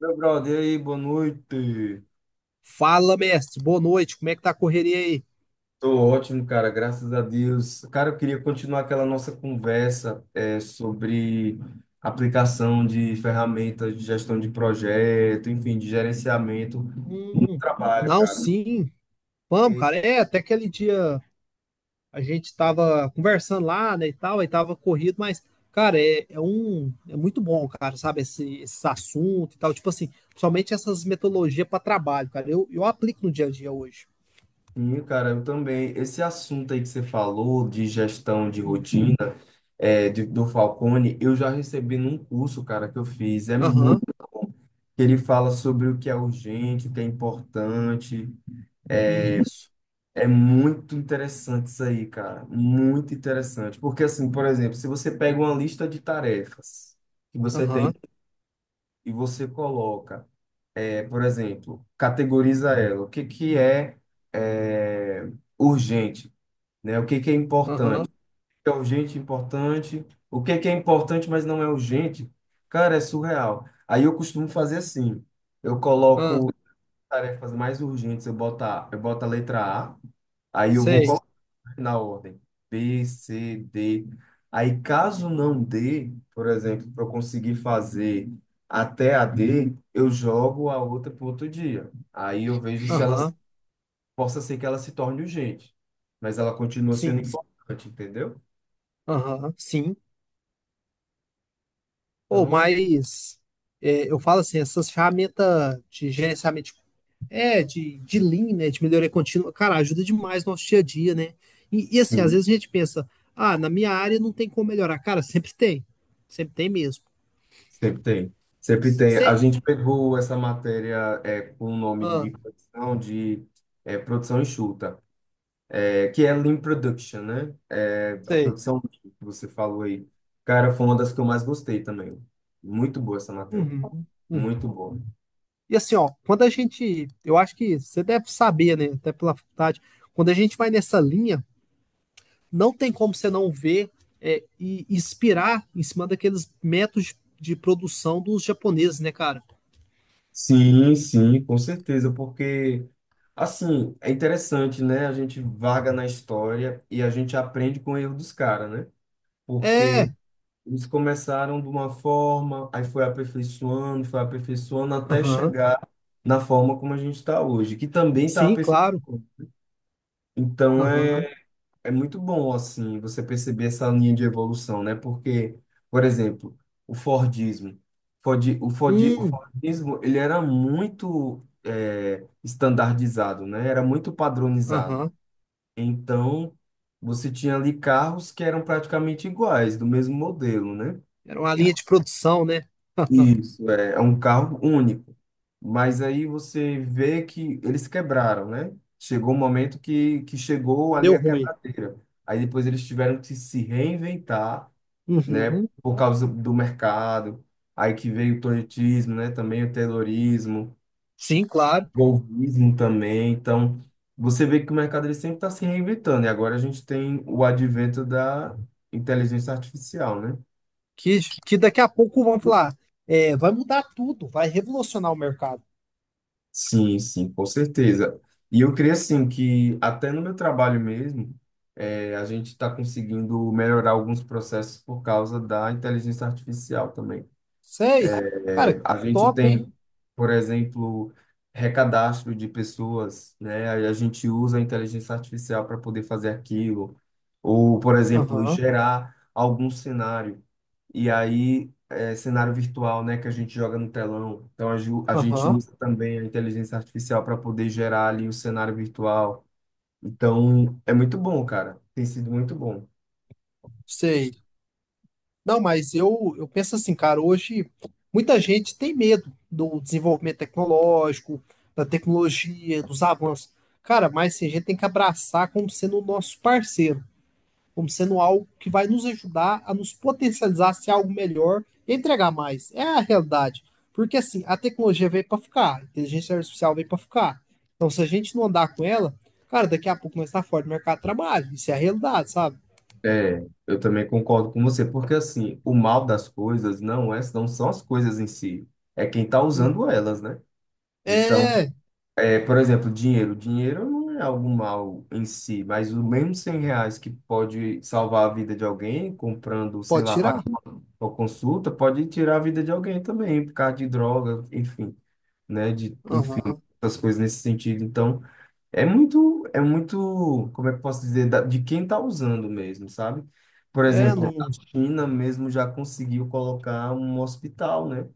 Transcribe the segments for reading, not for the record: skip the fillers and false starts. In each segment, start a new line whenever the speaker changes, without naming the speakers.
Meu brother, e aí, boa noite.
Fala, mestre. Boa noite. Como é que tá a correria aí?
Tô ótimo, cara, graças a Deus. Cara, eu queria continuar aquela nossa conversa sobre aplicação de ferramentas de gestão de projeto, enfim, de gerenciamento do
Hum,
trabalho,
não,
cara.
sim. Vamos,
E,
cara. Até aquele dia a gente tava conversando lá, né, e tal, aí tava corrido, mas, cara, é muito bom, cara, sabe, esse assunto e tal. Tipo assim, principalmente essas metodologias para trabalho, cara. Eu aplico no dia a dia hoje.
sim, cara, eu também. Esse assunto aí que você falou de gestão de
Hum.
rotina, do Falcone, eu já recebi num curso, cara, que eu fiz. É muito.
Aham,
Ele fala sobre o que é urgente, o que é importante.
isso.
É muito interessante isso aí, cara. Muito interessante. Porque, assim, por exemplo, se você pega uma lista de tarefas que você tem
Aham,
e você coloca, por exemplo, categoriza ela. O que que é, é, urgente, né? O que que é importante?
aham,
O que é urgente, importante. O que que é importante, mas não é urgente? Cara, é surreal. Aí eu costumo fazer assim. Eu
aham,
coloco tarefas mais urgentes, eu boto a letra A, aí eu vou
sei.
na ordem. B, C, D. Aí, caso não dê, por exemplo, para eu conseguir fazer até a D, eu jogo a outra para outro dia. Aí eu vejo se ela
Aham,
possa ser que ela se torne urgente, mas ela continua sendo
sim.
importante, entendeu?
Aham, sim.
Então
Ou
não é.
mas eu falo assim, essas ferramentas de gerenciamento de- de Lean, né, de melhoria contínua, cara, ajuda demais no nosso dia a dia, né? Assim, às
Sim,
vezes a gente pensa, ah, na minha área não tem como melhorar. Cara, sempre tem. Sempre tem mesmo.
sempre tem. Sempre tem. A
Se,
gente pegou essa matéria com o nome
ah,
de produção enxuta, é, que é Lean Production, né? É, a
sei.
produção que você falou aí. Cara, foi uma das que eu mais gostei também. Muito boa essa matéria.
Uhum,
Muito
uhum.
boa.
E assim, ó, quando a gente, eu acho que você deve saber, né, até pela faculdade, quando a gente vai nessa linha, não tem como você não ver e inspirar em cima daqueles métodos de produção dos japoneses, né, cara?
Sim, sim, com certeza, porque assim, é interessante, né? A gente vaga na história e a gente aprende com o erro dos caras, né? Porque
É,
eles começaram de uma forma, aí foi aperfeiçoando até
aham,
chegar na forma como a gente está hoje, que também está
sim,
aperfeiçoando.
claro,
Então,
aham,
É muito bom, assim, você perceber essa linha de evolução, né? Porque, por exemplo, o Fordismo. O
hum,
Fordismo, ele era muito estandardizado, né? Era muito padronizado.
aham,
Então, você tinha ali carros que eram praticamente iguais, do mesmo modelo, né?
era uma linha de produção, né?
Isso, é, é um carro único. Mas aí você vê que eles quebraram, né? Chegou um momento que chegou ali
Deu
a
ruim.
quebradeira. Aí depois eles tiveram que se reinventar, né?
Uhum,
Por causa do mercado. Aí que veio o toyotismo, né? Também o terrorismo,
sim, claro,
o golpismo também. Então, você vê que o mercado ele sempre está se reinventando. E agora a gente tem o advento da inteligência artificial, né?
que, daqui a pouco vão falar, vai mudar tudo, vai revolucionar o mercado.
Sim, sim, com certeza. E eu creio assim que até no meu trabalho mesmo, a gente está conseguindo melhorar alguns processos por causa da inteligência artificial também.
Sei,
É,
cara,
a gente
top, hein?
tem, por exemplo, recadastro de pessoas, né? Aí a gente usa a inteligência artificial para poder fazer aquilo, ou, por exemplo,
Aham,
gerar algum cenário. E aí, é, cenário virtual, né, que a gente joga no telão. Então, a gente
aham,
usa também a inteligência artificial para poder gerar ali o cenário virtual. Então, é muito bom, cara. Tem sido muito bom.
sei. Não, mas eu penso assim, cara, hoje muita gente tem medo do desenvolvimento tecnológico, da tecnologia, dos avanços. Cara, mas assim, a gente tem que abraçar como sendo o nosso parceiro, como sendo algo que vai nos ajudar a nos potencializar, ser algo melhor e entregar mais. É a realidade. Porque assim, a tecnologia veio para ficar, a inteligência artificial veio para ficar. Então, se a gente não andar com ela, cara, daqui a pouco nós está fora do mercado de trabalho. Isso é a realidade, sabe?
É, eu também concordo com você, porque assim, o mal das coisas não é, não são as coisas em si, é quem está
Uhum.
usando elas, né? Então,
É,
é, por exemplo, dinheiro. Dinheiro não é algo mal em si, mas o mesmo R$ 100 que pode salvar a vida de alguém, comprando, sei
pode
lá,
tirar.
pagando uma consulta, pode tirar a vida de alguém também, por causa de droga, enfim, né? De, enfim,
Aham.
essas coisas nesse sentido. Então, é muito, como é que eu posso dizer, de quem está usando mesmo, sabe? Por
É,
exemplo, a
não.
China mesmo já conseguiu colocar um hospital, né?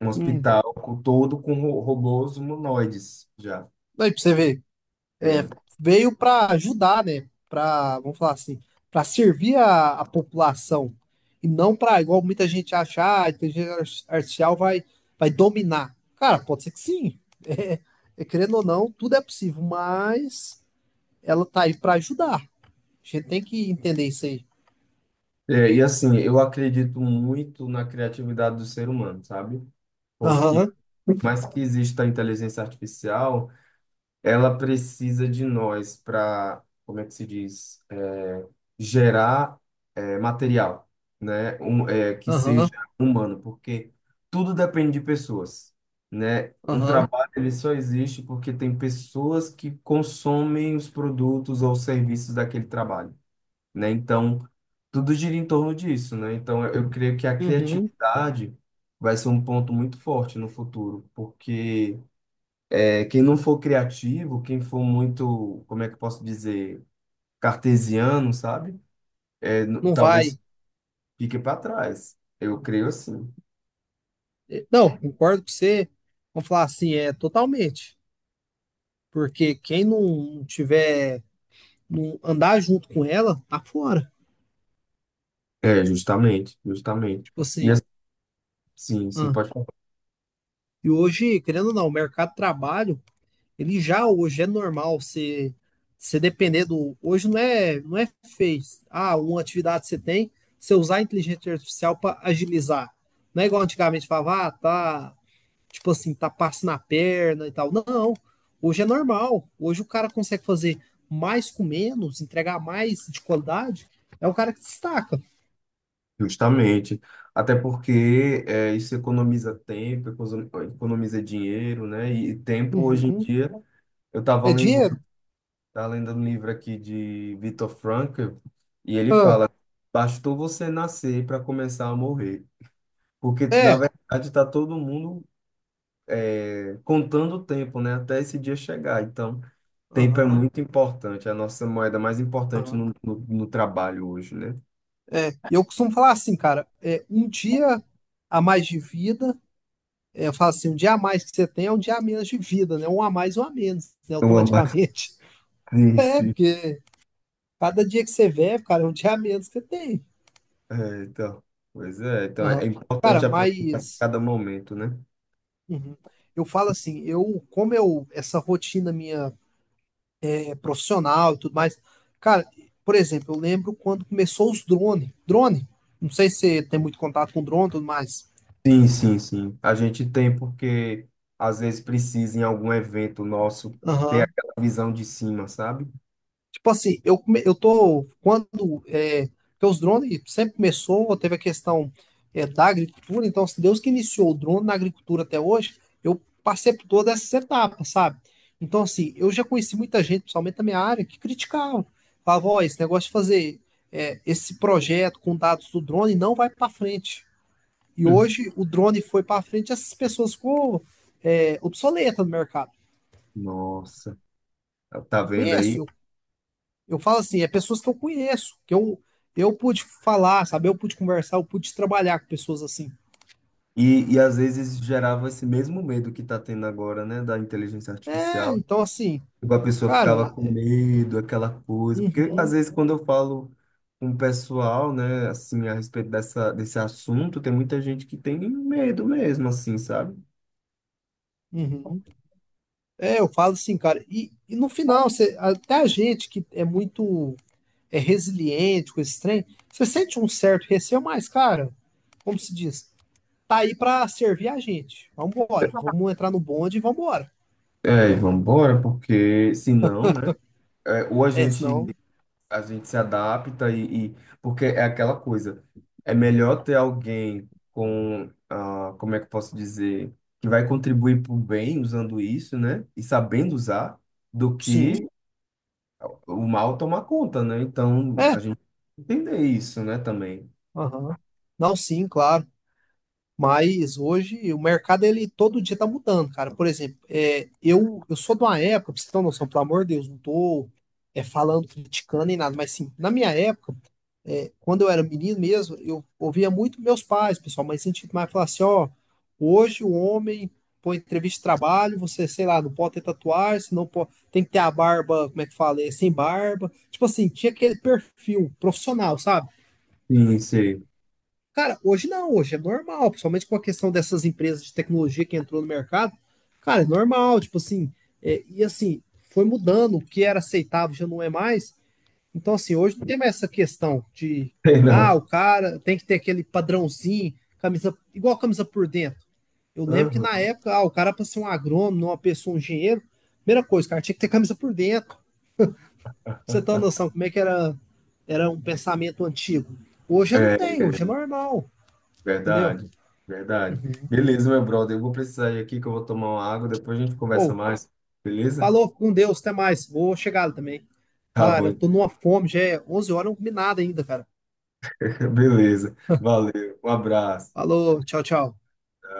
Um
Não-
hospital todo com robôs humanoides já.
aí pra você ver, é,
É.
veio pra ajudar, né? Pra, vamos falar assim, pra servir a população. E não pra, igual muita gente acha, ah, a inteligência ar- artificial vai, vai dominar. Cara, pode ser que sim. Querendo ou não, tudo é possível, mas ela tá aí pra ajudar. A gente tem que entender isso aí.
É, e assim, eu acredito muito na criatividade do ser humano, sabe? Porque, por
Aham,
mais que exista a inteligência artificial, ela precisa de nós para, como é que se diz, é, gerar material, né? Um, que seja
aham,
humano, porque tudo depende de pessoas, né? Um
aham,
trabalho ele só existe porque tem pessoas que consomem os produtos ou serviços daquele trabalho, né? Então, tudo gira em torno disso, né? Então, eu creio que a
uhum.
criatividade vai ser um ponto muito forte no futuro, porque quem não for criativo, quem for muito, como é que eu posso dizer, cartesiano, sabe?
Não vai.
Talvez fique para trás. Eu creio assim.
Não, concordo com você. Vamos falar assim, é totalmente. Porque quem não tiver, não andar junto com ela, tá fora.
É, justamente, justamente.
Tipo
E
assim,
assim, sim, sim,
ah,
pode falar.
e hoje, querendo ou não, o mercado de trabalho, ele já hoje é normal você depender do. Hoje não é fez. Ah, uma atividade que você tem, você usar a inteligência artificial para agilizar. Não é igual antigamente falava, ah, tá, tipo assim, tá passo na perna e tal. Não, hoje é normal. Hoje o cara consegue fazer mais com menos, entregar mais de qualidade. É o cara que destaca.
Justamente. Até porque é, isso economiza tempo, economiza dinheiro, né? E tempo, hoje em
Uhum.
dia, eu estava
É
lendo,
dinheiro?
tava lendo um livro aqui de Viktor Frankl, e ele
Ah,
fala: bastou você nascer para começar a morrer. Porque, na
é.
verdade, está todo mundo contando o tempo, né? Até esse dia chegar. Então, tempo é
Aham,
muito importante. É a nossa moeda mais importante
aham.
no trabalho hoje, né?
É. E eu costumo falar assim, cara, é um dia a mais de vida, é, eu falo assim, um dia a mais que você tem é um dia a menos de vida, né? Um a mais, um a menos, né?
Eu amo
Automaticamente. É,
esse.
porque cada dia que você vê cara, é um dia a menos que você tem.
É, então, pois é. Então, é
Aham. Cara,
importante aproveitar
mas
cada momento, né?
uhum. Eu falo assim, eu, como eu, essa rotina minha profissional e tudo mais. Cara, por exemplo, eu lembro quando começou os drone. Drone, não sei se você tem muito contato com drone e tudo mais.
Sim, sim, sim. A gente tem porque, às vezes, precisa em algum evento nosso ter
Aham.
aquela visão de cima, sabe?
Tipo assim, eu, come- eu tô. Quando. É, porque os drones sempre começou, teve a questão da agricultura, então, se Deus que iniciou o drone na agricultura até hoje, eu passei por todas essas etapas, sabe? Então, assim, eu já conheci muita gente, principalmente da minha área, que criticava. Falava, ó, esse negócio de fazer esse projeto com dados do drone não vai para frente. E
Hum.
hoje o drone foi para frente, essas pessoas ficou obsoleta no mercado.
Nossa, tá
Eu
vendo aí?
conheço, eu falo assim, é pessoas que eu conheço, eu pude falar, sabe? Eu pude conversar, eu pude trabalhar com pessoas assim.
E às vezes gerava esse mesmo medo que está tendo agora, né, da inteligência
É,
artificial.
então assim,
Tipo, a pessoa ficava
cara,
com medo, aquela coisa. Porque às
uhum,
vezes quando eu falo com o pessoal, né, assim, a respeito desse assunto, tem muita gente que tem medo mesmo, assim, sabe?
uhum. É, eu falo assim, cara, no final, você, até a gente que é muito resiliente com esse trem, você sente um certo receio, mas, cara, como se diz, tá aí pra servir a gente. Vambora, vamos entrar no bonde e vambora.
É, e vambora, porque senão, né, é, ou a
É,
gente
senão,
a gente se adapta e, porque é aquela coisa. É melhor ter alguém com, ah, como é que eu posso dizer, que vai contribuir para o bem usando isso, né? E sabendo usar, do
sim.
que o mal tomar conta, né? Então
É,
a gente tem que entender isso, né? Também.
aham. Não, sim, claro. Mas hoje o mercado ele todo dia tá mudando, cara. Por exemplo, eu sou de uma época, pra você ter uma noção, pelo amor de Deus, não tô falando, criticando nem nada, mas sim, na minha época, quando eu era menino mesmo, eu ouvia muito meus pais, pessoal, mas sentido mais falar assim, ó, hoje o homem põe entrevista de trabalho, você, sei lá, não pode ter tatuagem, se não pode, tem que ter a barba, como é que fala, sem barba. Tipo assim, tinha aquele perfil profissional, sabe?
Sim, sim.
Cara, hoje não, hoje é normal, principalmente com a questão dessas empresas de tecnologia que entrou no mercado. Cara, é normal, tipo assim, é, e assim, foi mudando, o que era aceitável já não é mais. Então, assim, hoje não tem mais essa questão de,
Sei
ah, o
não.
cara tem que ter aquele padrãozinho, camisa, igual camisa por dentro. Eu lembro que na
Aham.
época, ah, o cara para ser um agrônomo, uma pessoa, um engenheiro, primeira coisa, cara, tinha que ter camisa por dentro. Pra você tem uma noção como é que era, era um pensamento antigo. Hoje eu não
É
tenho, hoje é normal, entendeu?
verdade, verdade. Beleza, meu brother. Eu vou precisar ir aqui que eu vou tomar uma água. Depois a gente conversa
Ou,
mais, beleza?
falou com Deus, até mais. Vou chegar lá também.
Tá
Tá,
bom.
eu tô numa fome, já é 11 horas, eu não comi nada ainda, cara.
Beleza. Valeu. Um abraço.
Falou, tchau, tchau.